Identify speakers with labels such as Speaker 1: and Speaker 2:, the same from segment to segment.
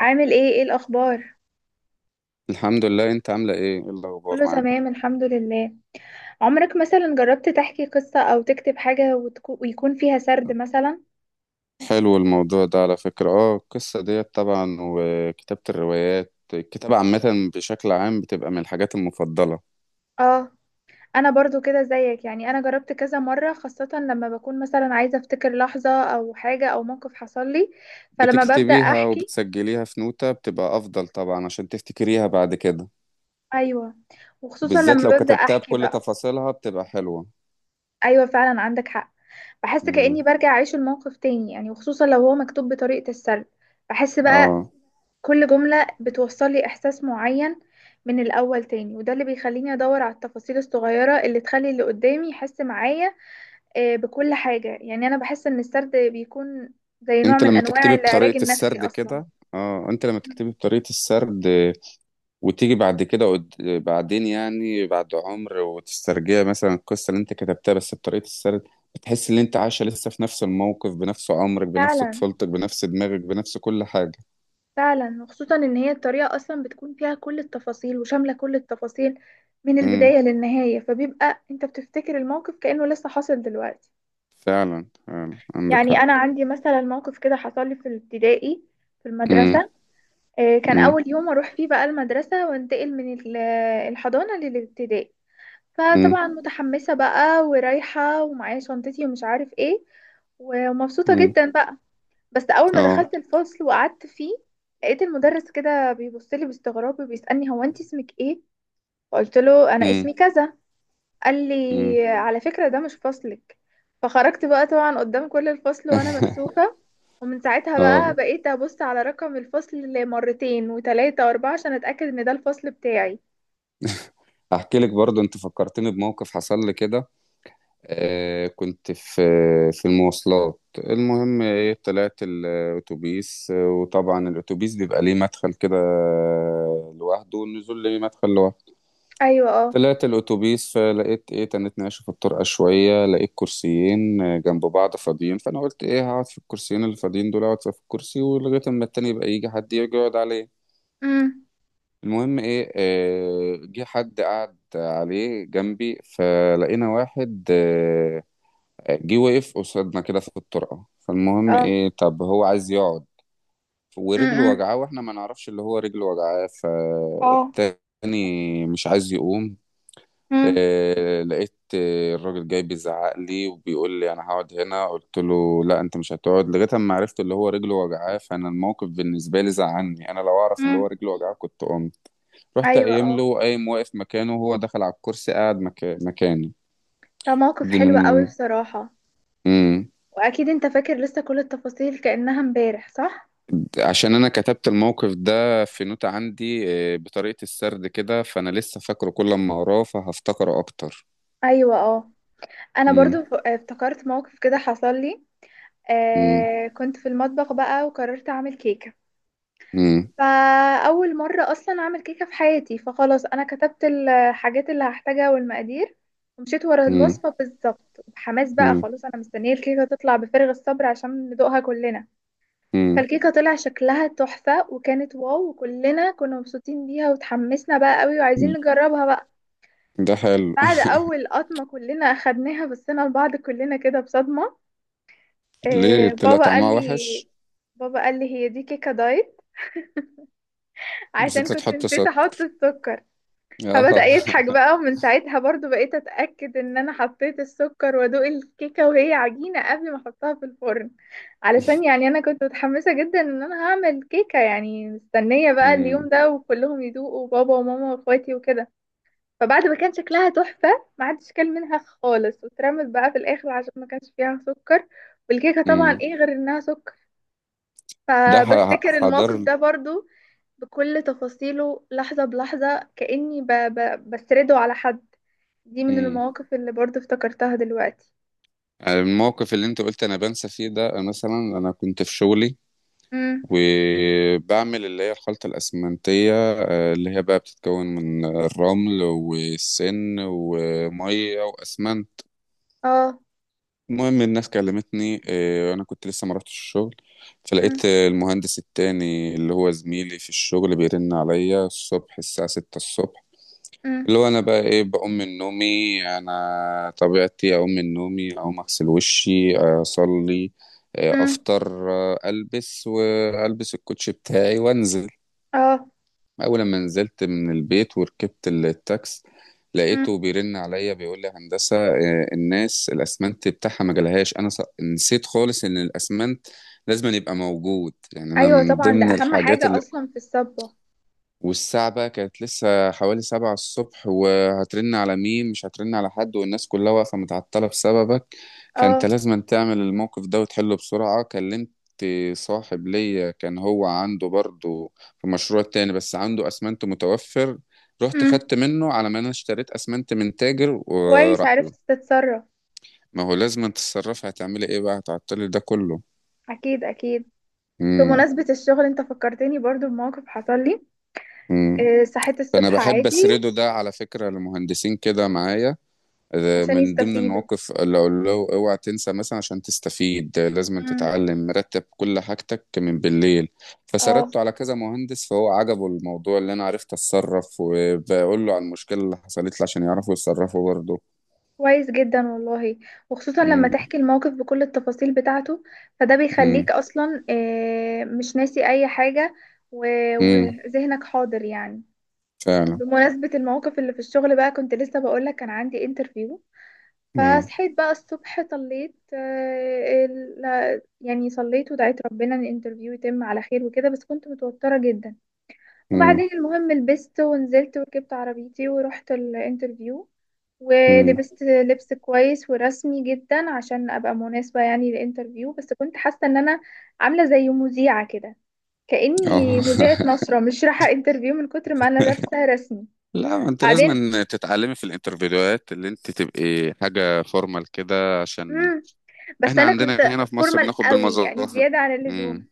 Speaker 1: عامل ايه الاخبار؟
Speaker 2: الحمد لله. انت عاملة ايه الاخبار
Speaker 1: كله
Speaker 2: معاك؟
Speaker 1: تمام الحمد لله. عمرك مثلا جربت تحكي قصة او تكتب حاجة ويكون فيها سرد مثلا؟
Speaker 2: حلو الموضوع ده على فكرة. اه القصة ديت طبعا وكتابة الروايات، الكتابة عامة بشكل عام بتبقى من الحاجات المفضلة.
Speaker 1: اه. انا برضو كده زيك، يعني انا جربت كذا مرة، خاصة لما بكون مثلا عايزة افتكر لحظة او حاجة او موقف حصل لي. فلما ببدأ
Speaker 2: بتكتبيها
Speaker 1: احكي.
Speaker 2: وبتسجليها في نوتة، بتبقى افضل طبعا عشان تفتكريها بعد كده.
Speaker 1: ايوه. وخصوصا
Speaker 2: وبالذات
Speaker 1: لما
Speaker 2: لو
Speaker 1: ببدأ
Speaker 2: كتبتها
Speaker 1: احكي
Speaker 2: بكل
Speaker 1: بقى.
Speaker 2: تفاصيلها بتبقى حلوة.
Speaker 1: ايوه فعلا، عندك حق. بحس كأني
Speaker 2: امم
Speaker 1: برجع اعيش الموقف تاني يعني، وخصوصا لو هو مكتوب بطريقة السرد. بحس بقى
Speaker 2: اه،
Speaker 1: كل جملة بتوصل لي إحساس معين من الأول تاني، وده اللي بيخليني أدور على التفاصيل الصغيرة اللي تخلي اللي قدامي يحس معايا. بكل حاجة يعني. أنا بحس إن السرد بيكون زي نوع
Speaker 2: انت
Speaker 1: من
Speaker 2: لما
Speaker 1: أنواع
Speaker 2: تكتبي
Speaker 1: العلاج
Speaker 2: بطريقة
Speaker 1: النفسي
Speaker 2: السرد
Speaker 1: أصلا.
Speaker 2: كده، اه انت لما تكتبي بطريقة السرد وتيجي بعد كده بعدين يعني، بعد عمر، وتسترجع مثلا القصة اللي انت كتبتها بس بطريقة السرد، بتحس ان انت عايشة لسه في نفس الموقف، بنفس عمرك، بنفس
Speaker 1: فعلا
Speaker 2: طفولتك، بنفس دماغك، بنفس كل حاجة.
Speaker 1: فعلا، وخصوصا إن هي الطريقة أصلا بتكون فيها كل التفاصيل، وشاملة كل التفاصيل من
Speaker 2: امم.
Speaker 1: البداية للنهاية، فبيبقى أنت بتفتكر الموقف كأنه لسه حاصل دلوقتي.
Speaker 2: فعلا فعلا عندك
Speaker 1: يعني
Speaker 2: حق.
Speaker 1: أنا عندي مثلا موقف كده حصل لي في الابتدائي، في
Speaker 2: امم.
Speaker 1: المدرسة. كان
Speaker 2: امم.
Speaker 1: أول يوم أروح فيه بقى المدرسة وانتقل من الحضانة للابتدائي.
Speaker 2: امم.
Speaker 1: فطبعا متحمسة بقى ورايحة، ومعايا شنطتي ومش عارف ايه، ومبسوطة
Speaker 2: امم.
Speaker 1: جدا بقى. بس أول ما
Speaker 2: اه.
Speaker 1: دخلت الفصل وقعدت فيه، لقيت المدرس كده بيبصلي باستغراب وبيسألني: هو انت اسمك ايه؟ فقلت له: أنا
Speaker 2: امم.
Speaker 1: اسمي كذا. قال
Speaker 2: امم.
Speaker 1: لي: على فكرة ده مش فصلك. فخرجت بقى طبعا قدام كل الفصل وانا مكسوفة. ومن ساعتها بقى
Speaker 2: اه،
Speaker 1: بقيت ابص على رقم الفصل مرتين وتلاتة واربعة عشان اتأكد ان ده الفصل بتاعي.
Speaker 2: احكي لك برضه، انت فكرتني بموقف حصل لي كده. كنت في المواصلات. المهم ايه، طلعت الاتوبيس، وطبعا الاتوبيس بيبقى ليه مدخل كده لوحده، والنزول ليه مدخل لوحده.
Speaker 1: ايوه اه.
Speaker 2: طلعت الاتوبيس فلقيت ايه، تنت ناشف الطرقة شوية، لقيت كرسيين جنب بعض فاضيين، فانا قلت ايه، هقعد في الكرسيين اللي فاضيين دول، اقعد في الكرسي ولغاية اما التاني يبقى يجي حد يجي يقعد عليه.
Speaker 1: امم.
Speaker 2: المهم ايه، جه حد قعد عليه جنبي، فلقينا واحد جه وقف قصادنا كده في الطرقة، فالمهم
Speaker 1: اه.
Speaker 2: ايه، طب هو عايز يقعد ورجله
Speaker 1: امم.
Speaker 2: وجعاه، واحنا ما نعرفش اللي هو رجله وجعاه،
Speaker 1: اه.
Speaker 2: فالتاني مش عايز يقوم.
Speaker 1: امم.
Speaker 2: لقيت الراجل جاي بيزعق لي وبيقول لي انا هقعد هنا. قلت له لا، انت مش هتقعد لغايه اما عرفت اللي هو رجله وجعاه. فانا الموقف بالنسبه لي زعلني، انا لو اعرف اللي هو
Speaker 1: امم.
Speaker 2: رجله وجعاه كنت قمت. رحت
Speaker 1: ايوه
Speaker 2: قايم
Speaker 1: اه.
Speaker 2: له، قايم واقف مكانه، وهو دخل على الكرسي قاعد مكاني.
Speaker 1: ده موقف
Speaker 2: دي
Speaker 1: حلو
Speaker 2: من
Speaker 1: قوي بصراحة.
Speaker 2: مم.
Speaker 1: واكيد انت فاكر لسه كل التفاصيل كأنها امبارح، صح؟
Speaker 2: عشان انا كتبت الموقف ده في نوتة عندي بطريقة السرد كده، فانا لسه فاكره، كل ما اقراه فهفتكره اكتر.
Speaker 1: ايوه اه. انا
Speaker 2: مم.
Speaker 1: برضو افتكرت موقف كده حصل لي.
Speaker 2: مم.
Speaker 1: آه، كنت في المطبخ بقى وقررت اعمل كيكة،
Speaker 2: مم.
Speaker 1: فأول مرة أصلا أعمل كيكة في حياتي. فخلاص أنا كتبت الحاجات اللي هحتاجها والمقادير، ومشيت ورا
Speaker 2: مم.
Speaker 1: الوصفة بالظبط بحماس بقى.
Speaker 2: مم.
Speaker 1: خلاص أنا مستنية الكيكة تطلع بفارغ الصبر عشان ندوقها كلنا.
Speaker 2: مم.
Speaker 1: فالكيكة طلع شكلها تحفة وكانت واو، وكلنا كنا مبسوطين بيها وتحمسنا بقى قوي وعايزين نجربها بقى.
Speaker 2: ده حلو.
Speaker 1: بعد أول قطمة كلنا أخدناها بصينا لبعض كلنا كده بصدمة.
Speaker 2: ليه،
Speaker 1: إيه؟
Speaker 2: طلع
Speaker 1: بابا قال
Speaker 2: طعمها
Speaker 1: لي،
Speaker 2: وحش؟
Speaker 1: بابا قال لي: هي دي كيكة دايت، عشان
Speaker 2: نسيت
Speaker 1: كنت
Speaker 2: تحط
Speaker 1: نسيت
Speaker 2: سكر؟
Speaker 1: أحط السكر. فبدأ
Speaker 2: آه.
Speaker 1: يضحك بقى. ومن ساعتها برضو بقيت أتأكد إن أنا حطيت السكر، وأدوق الكيكة وهي عجينة قبل ما أحطها في الفرن. علشان يعني أنا كنت متحمسة جدا إن أنا هعمل كيكة، يعني مستنية بقى
Speaker 2: مم.
Speaker 1: اليوم ده وكلهم يدوقوا، بابا وماما وأخواتي وكده. فبعد ما كان شكلها تحفة، ما حدش كل منها خالص واترمت بقى في الآخر عشان ما كانش فيها سكر. والكيكة طبعا
Speaker 2: مم.
Speaker 1: إيه غير إنها سكر؟ فبفتكر
Speaker 2: حضر.
Speaker 1: الموقف ده برضو بكل تفاصيله لحظة بلحظة، كأني بسرده على حد. دي من
Speaker 2: مم.
Speaker 1: المواقف اللي برضه افتكرتها دلوقتي.
Speaker 2: الموقف اللي انت قلت انا بنسى فيه، ده مثلا انا كنت في شغلي
Speaker 1: امم.
Speaker 2: وبعمل اللي هي الخلطة الأسمنتية، اللي هي بقى بتتكون من الرمل والسن ومية وأسمنت.
Speaker 1: اه.
Speaker 2: المهم الناس كلمتني، أنا كنت لسه ما رحتش الشغل،
Speaker 1: امم.
Speaker 2: فلقيت المهندس التاني اللي هو زميلي في الشغل بيرن عليا الصبح الساعة ستة الصبح. اللي
Speaker 1: امم.
Speaker 2: هو أنا بقى إيه، بقوم من نومي، أنا طبيعتي أقوم من نومي، أقوم أغسل وشي أصلي،
Speaker 1: امم.
Speaker 2: أفطر، ألبس، وألبس الكوتش بتاعي وأنزل.
Speaker 1: اه.
Speaker 2: أول ما نزلت من البيت وركبت التاكس،
Speaker 1: امم.
Speaker 2: لقيته بيرن عليا بيقول لي هندسة الناس الأسمنت بتاعها ما جالهاش. أنا نسيت خالص إن الأسمنت لازم أن يبقى موجود، يعني أنا
Speaker 1: ايوه
Speaker 2: من
Speaker 1: طبعا، ده
Speaker 2: ضمن
Speaker 1: اهم
Speaker 2: الحاجات.
Speaker 1: حاجة اصلا في الصبة.
Speaker 2: والساعة بقى كانت لسه حوالي سبعة الصبح، وهترن على مين؟ مش هترن على حد، والناس كلها واقفة متعطلة بسببك، فانت
Speaker 1: اه.
Speaker 2: لازم تعمل الموقف ده وتحله بسرعة. كلمت صاحب ليا، كان هو عنده برضه في مشروع تاني بس عنده أسمنت متوفر، رحت
Speaker 1: امم.
Speaker 2: خدت منه، على ما انا اشتريت أسمنت من تاجر
Speaker 1: كويس،
Speaker 2: وراح له.
Speaker 1: عرفت تتصرف.
Speaker 2: ما هو لازم تتصرفي، هتعملي ايه بقى، هتعطلي ده كله؟
Speaker 1: اكيد اكيد.
Speaker 2: امم.
Speaker 1: بمناسبة الشغل، انت فكرتني برضه بموقف حصل لي.
Speaker 2: امم.
Speaker 1: آه، صحيت
Speaker 2: فانا
Speaker 1: الصبح
Speaker 2: بحب
Speaker 1: عادي.
Speaker 2: اسرده ده على فكرة لمهندسين كده معايا،
Speaker 1: عشان
Speaker 2: من ضمن
Speaker 1: يستفيدوا.
Speaker 2: المواقف، اللي اقول له اوعى تنسى مثلا عشان تستفيد، لازم أن
Speaker 1: امم.
Speaker 2: تتعلم رتب كل حاجتك من بالليل.
Speaker 1: اه.
Speaker 2: فسردته على كذا مهندس، فهو عجبه الموضوع، اللي انا عرفت اتصرف، وبقول له عن المشكلة اللي حصلت لي عشان يعرفوا يتصرفوا برضه.
Speaker 1: كويس جدا والله. وخصوصا لما
Speaker 2: امم.
Speaker 1: تحكي الموقف بكل التفاصيل بتاعته، فده بيخليك
Speaker 2: امم.
Speaker 1: اصلا مش ناسي اي حاجة،
Speaker 2: امم.
Speaker 1: وذهنك حاضر يعني.
Speaker 2: فعلا.
Speaker 1: بمناسبة الموقف اللي في الشغل بقى، كنت لسه بقولك كان عندي انترفيو.
Speaker 2: امم.
Speaker 1: فصحيت بقى الصبح، صليت، يعني صليت ودعيت ربنا ان الانترفيو يتم على خير وكده، بس كنت متوترة جدا.
Speaker 2: امم.
Speaker 1: وبعدين المهم لبست ونزلت وركبت عربيتي ورحت الانترفيو.
Speaker 2: امم.
Speaker 1: ولبست لبس كويس ورسمي جدا عشان ابقى مناسبة يعني للانترفيو، بس كنت حاسة ان انا عاملة زي مذيعة كده، كأني
Speaker 2: اه.
Speaker 1: مذيعة نشرة مش رايحة انترفيو من كتر ما انا لابسة رسمي.
Speaker 2: لا، ما انت لازم
Speaker 1: بعدين.
Speaker 2: أن تتعلمي في الانترفيوهات اللي انت تبقي حاجة فورمال كده، عشان
Speaker 1: مم. بس
Speaker 2: احنا
Speaker 1: انا كنت
Speaker 2: عندنا هنا في مصر
Speaker 1: فورمال
Speaker 2: بناخد
Speaker 1: قوي يعني،
Speaker 2: بالمظاهر.
Speaker 1: زيادة عن
Speaker 2: امم.
Speaker 1: اللزوم.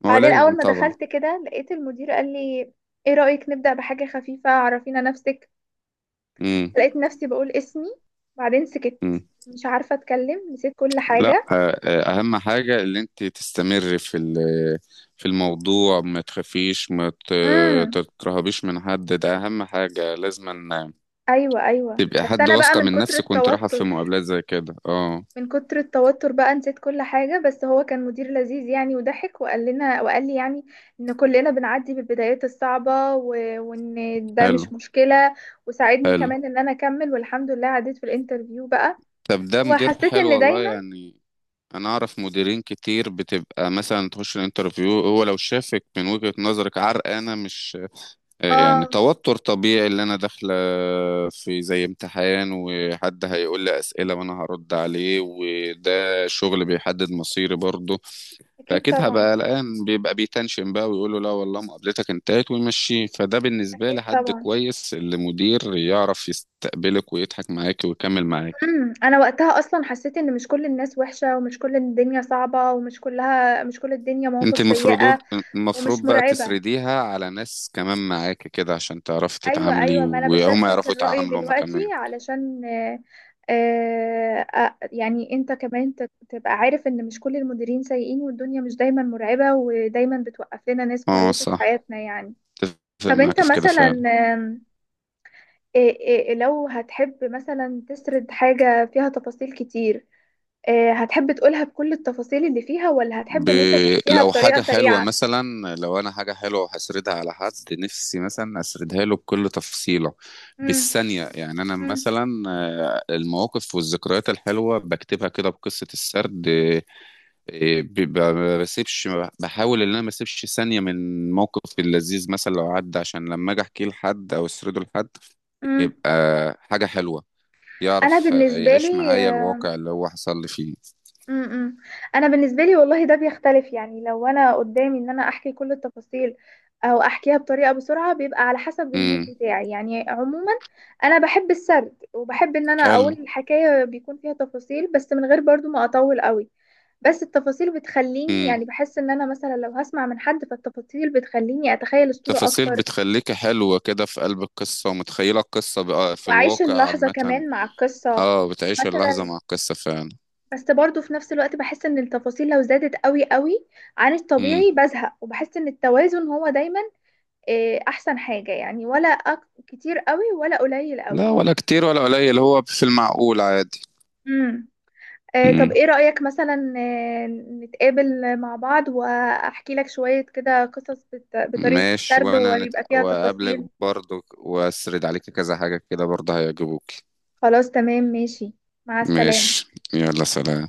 Speaker 2: ما هو
Speaker 1: بعدين
Speaker 2: لازم
Speaker 1: اول ما
Speaker 2: طبعا.
Speaker 1: دخلت كده لقيت المدير قال لي: ايه رأيك نبدأ بحاجة خفيفة؟ عرفينا نفسك.
Speaker 2: امم.
Speaker 1: لقيت نفسي بقول اسمي، بعدين سكت.
Speaker 2: امم.
Speaker 1: مش عارفة اتكلم، نسيت كل
Speaker 2: لا،
Speaker 1: حاجة.
Speaker 2: اهم حاجه اللي انت تستمر في في الموضوع، ما تخافيش، ما ت-
Speaker 1: امم.
Speaker 2: تترهبيش من حد، ده اهم حاجه، لازم أن
Speaker 1: ايوه ايوه،
Speaker 2: تبقى
Speaker 1: بس
Speaker 2: حد
Speaker 1: انا بقى
Speaker 2: واثقه
Speaker 1: من
Speaker 2: من
Speaker 1: كتر
Speaker 2: نفسك وانت رايحه في
Speaker 1: التوتر.
Speaker 2: مقابلات زي كده. اه.
Speaker 1: من كتر التوتر بقى نسيت كل حاجة. بس هو كان مدير لذيذ يعني، وضحك وقال لنا وقال لي يعني ان كلنا بنعدي بالبدايات الصعبة وان ده مش
Speaker 2: حلو.
Speaker 1: مشكلة. وساعدني
Speaker 2: حلو.
Speaker 1: كمان ان انا اكمل، والحمد لله عديت في الانترفيو بقى.
Speaker 2: طب ده مدير
Speaker 1: وحسيت
Speaker 2: حلو
Speaker 1: ان
Speaker 2: والله
Speaker 1: دايما.
Speaker 2: يعني. انا اعرف مديرين كتير بتبقى مثلا تخش الانترفيو، هو لو شافك من وجهة نظرك عرقانه، مش يعني
Speaker 1: اه.
Speaker 2: توتر طبيعي اللي انا داخله في زي امتحان وحد هيقول لي اسئله وانا هرد عليه، وده شغل بيحدد مصيري برضه،
Speaker 1: اكيد
Speaker 2: فاكيد
Speaker 1: طبعا.
Speaker 2: هبقى قلقان، بيبقى بيتنشن بقى ويقول له لا والله مقابلتك انتهت ويمشيه. فده بالنسبه
Speaker 1: اكيد
Speaker 2: لي حد
Speaker 1: طبعا.
Speaker 2: كويس، اللي مدير يعرف يستقبلك ويضحك معاك ويكمل معاك.
Speaker 1: امم. انا وقتها اصلا حسيت ان مش كل الناس وحشة، ومش كل الدنيا صعبة، ومش كلها، مش كل الدنيا
Speaker 2: انت
Speaker 1: مواقف
Speaker 2: المفروض،
Speaker 1: سيئة
Speaker 2: المفروض
Speaker 1: ومش
Speaker 2: بقى
Speaker 1: مرعبة.
Speaker 2: تسرديها على ناس كمان معاك كده، عشان تعرفي
Speaker 1: ايوه
Speaker 2: تتعاملي
Speaker 1: ايوه، ما انا
Speaker 2: وهم
Speaker 1: بشاركك
Speaker 2: يعرفوا
Speaker 1: الرأي
Speaker 2: يتعاملوا هما
Speaker 1: دلوقتي،
Speaker 2: كمان.
Speaker 1: علشان يعني انت كمان تبقى عارف ان مش كل المديرين سيئين، والدنيا مش دايما مرعبة، ودايما بتوقف لنا ناس
Speaker 2: اه
Speaker 1: كويسة في
Speaker 2: صح،
Speaker 1: حياتنا يعني.
Speaker 2: اتفق
Speaker 1: طب انت
Speaker 2: معاك في كده
Speaker 1: مثلا،
Speaker 2: فعلا.
Speaker 1: آم، إيه- لو هتحب مثلا تسرد حاجة فيها تفاصيل كتير، هتحب تقولها بكل التفاصيل اللي فيها، ولا هتحب
Speaker 2: ب...
Speaker 1: ان انت تحكيها
Speaker 2: لو
Speaker 1: بطريقة
Speaker 2: حاجة حلوة
Speaker 1: سريعة؟
Speaker 2: مثلا، لو أنا حاجة حلوة هسردها على حد، نفسي مثلا أسردها له بكل تفصيلة
Speaker 1: امم.
Speaker 2: بالثانية. يعني أنا
Speaker 1: امم.
Speaker 2: مثلا المواقف والذكريات الحلوة بكتبها كده بقصة السرد. ما بسيبش، بحاول إن أنا ما أسيبش ثانية من موقف اللذيذ، مثلا لو عدى عشان لما أجي أحكيه لحد أو أسرده لحد،
Speaker 1: امم.
Speaker 2: يبقى حاجة حلوة،
Speaker 1: انا
Speaker 2: يعرف
Speaker 1: بالنسبة
Speaker 2: يعيش
Speaker 1: لي.
Speaker 2: معايا الواقع اللي هو حصل لي فيه.
Speaker 1: امم. انا بالنسبة لي والله ده بيختلف يعني. لو انا قدامي ان انا احكي كل التفاصيل او احكيها بطريقة بسرعة، بيبقى على حسب المود
Speaker 2: امم.
Speaker 1: بتاعي يعني. عموما انا بحب السرد، وبحب ان انا
Speaker 2: حلو.
Speaker 1: اقول الحكاية بيكون فيها تفاصيل، بس من غير برضو ما اطول قوي. بس التفاصيل بتخليني
Speaker 2: امم.
Speaker 1: يعني، بحس ان انا مثلا لو هسمع من حد، فالتفاصيل بتخليني اتخيل الصورة
Speaker 2: تفاصيل
Speaker 1: اكتر،
Speaker 2: بتخليك حلوة كده في قلب القصة، ومتخيلة القصة بقى في
Speaker 1: وأعيش
Speaker 2: الواقع
Speaker 1: اللحظة
Speaker 2: عامة.
Speaker 1: كمان مع القصة
Speaker 2: اه، بتعيش اللحظة
Speaker 1: مثلا.
Speaker 2: مع القصة فعلا.
Speaker 1: بس برضو في نفس الوقت بحس إن التفاصيل لو زادت قوي قوي عن
Speaker 2: امم.
Speaker 1: الطبيعي بزهق، وبحس إن التوازن هو دايما أحسن حاجة يعني، ولا كتير قوي ولا قليل
Speaker 2: لا،
Speaker 1: قوي.
Speaker 2: ولا كتير ولا قليل، هو في المعقول عادي.
Speaker 1: امم. طب
Speaker 2: امم.
Speaker 1: إيه رأيك مثلا آه، نتقابل مع بعض وأحكي لك شوية كده قصص بطريقة
Speaker 2: ماشي.
Speaker 1: السرد
Speaker 2: وانا
Speaker 1: ويبقى فيها
Speaker 2: وأقابلك
Speaker 1: تفاصيل؟
Speaker 2: برضو وأسرد عليك كذا حاجة كده برضه هيعجبوك.
Speaker 1: خلاص تمام ماشي. مع السلامة.
Speaker 2: ماشي. يلا سلام.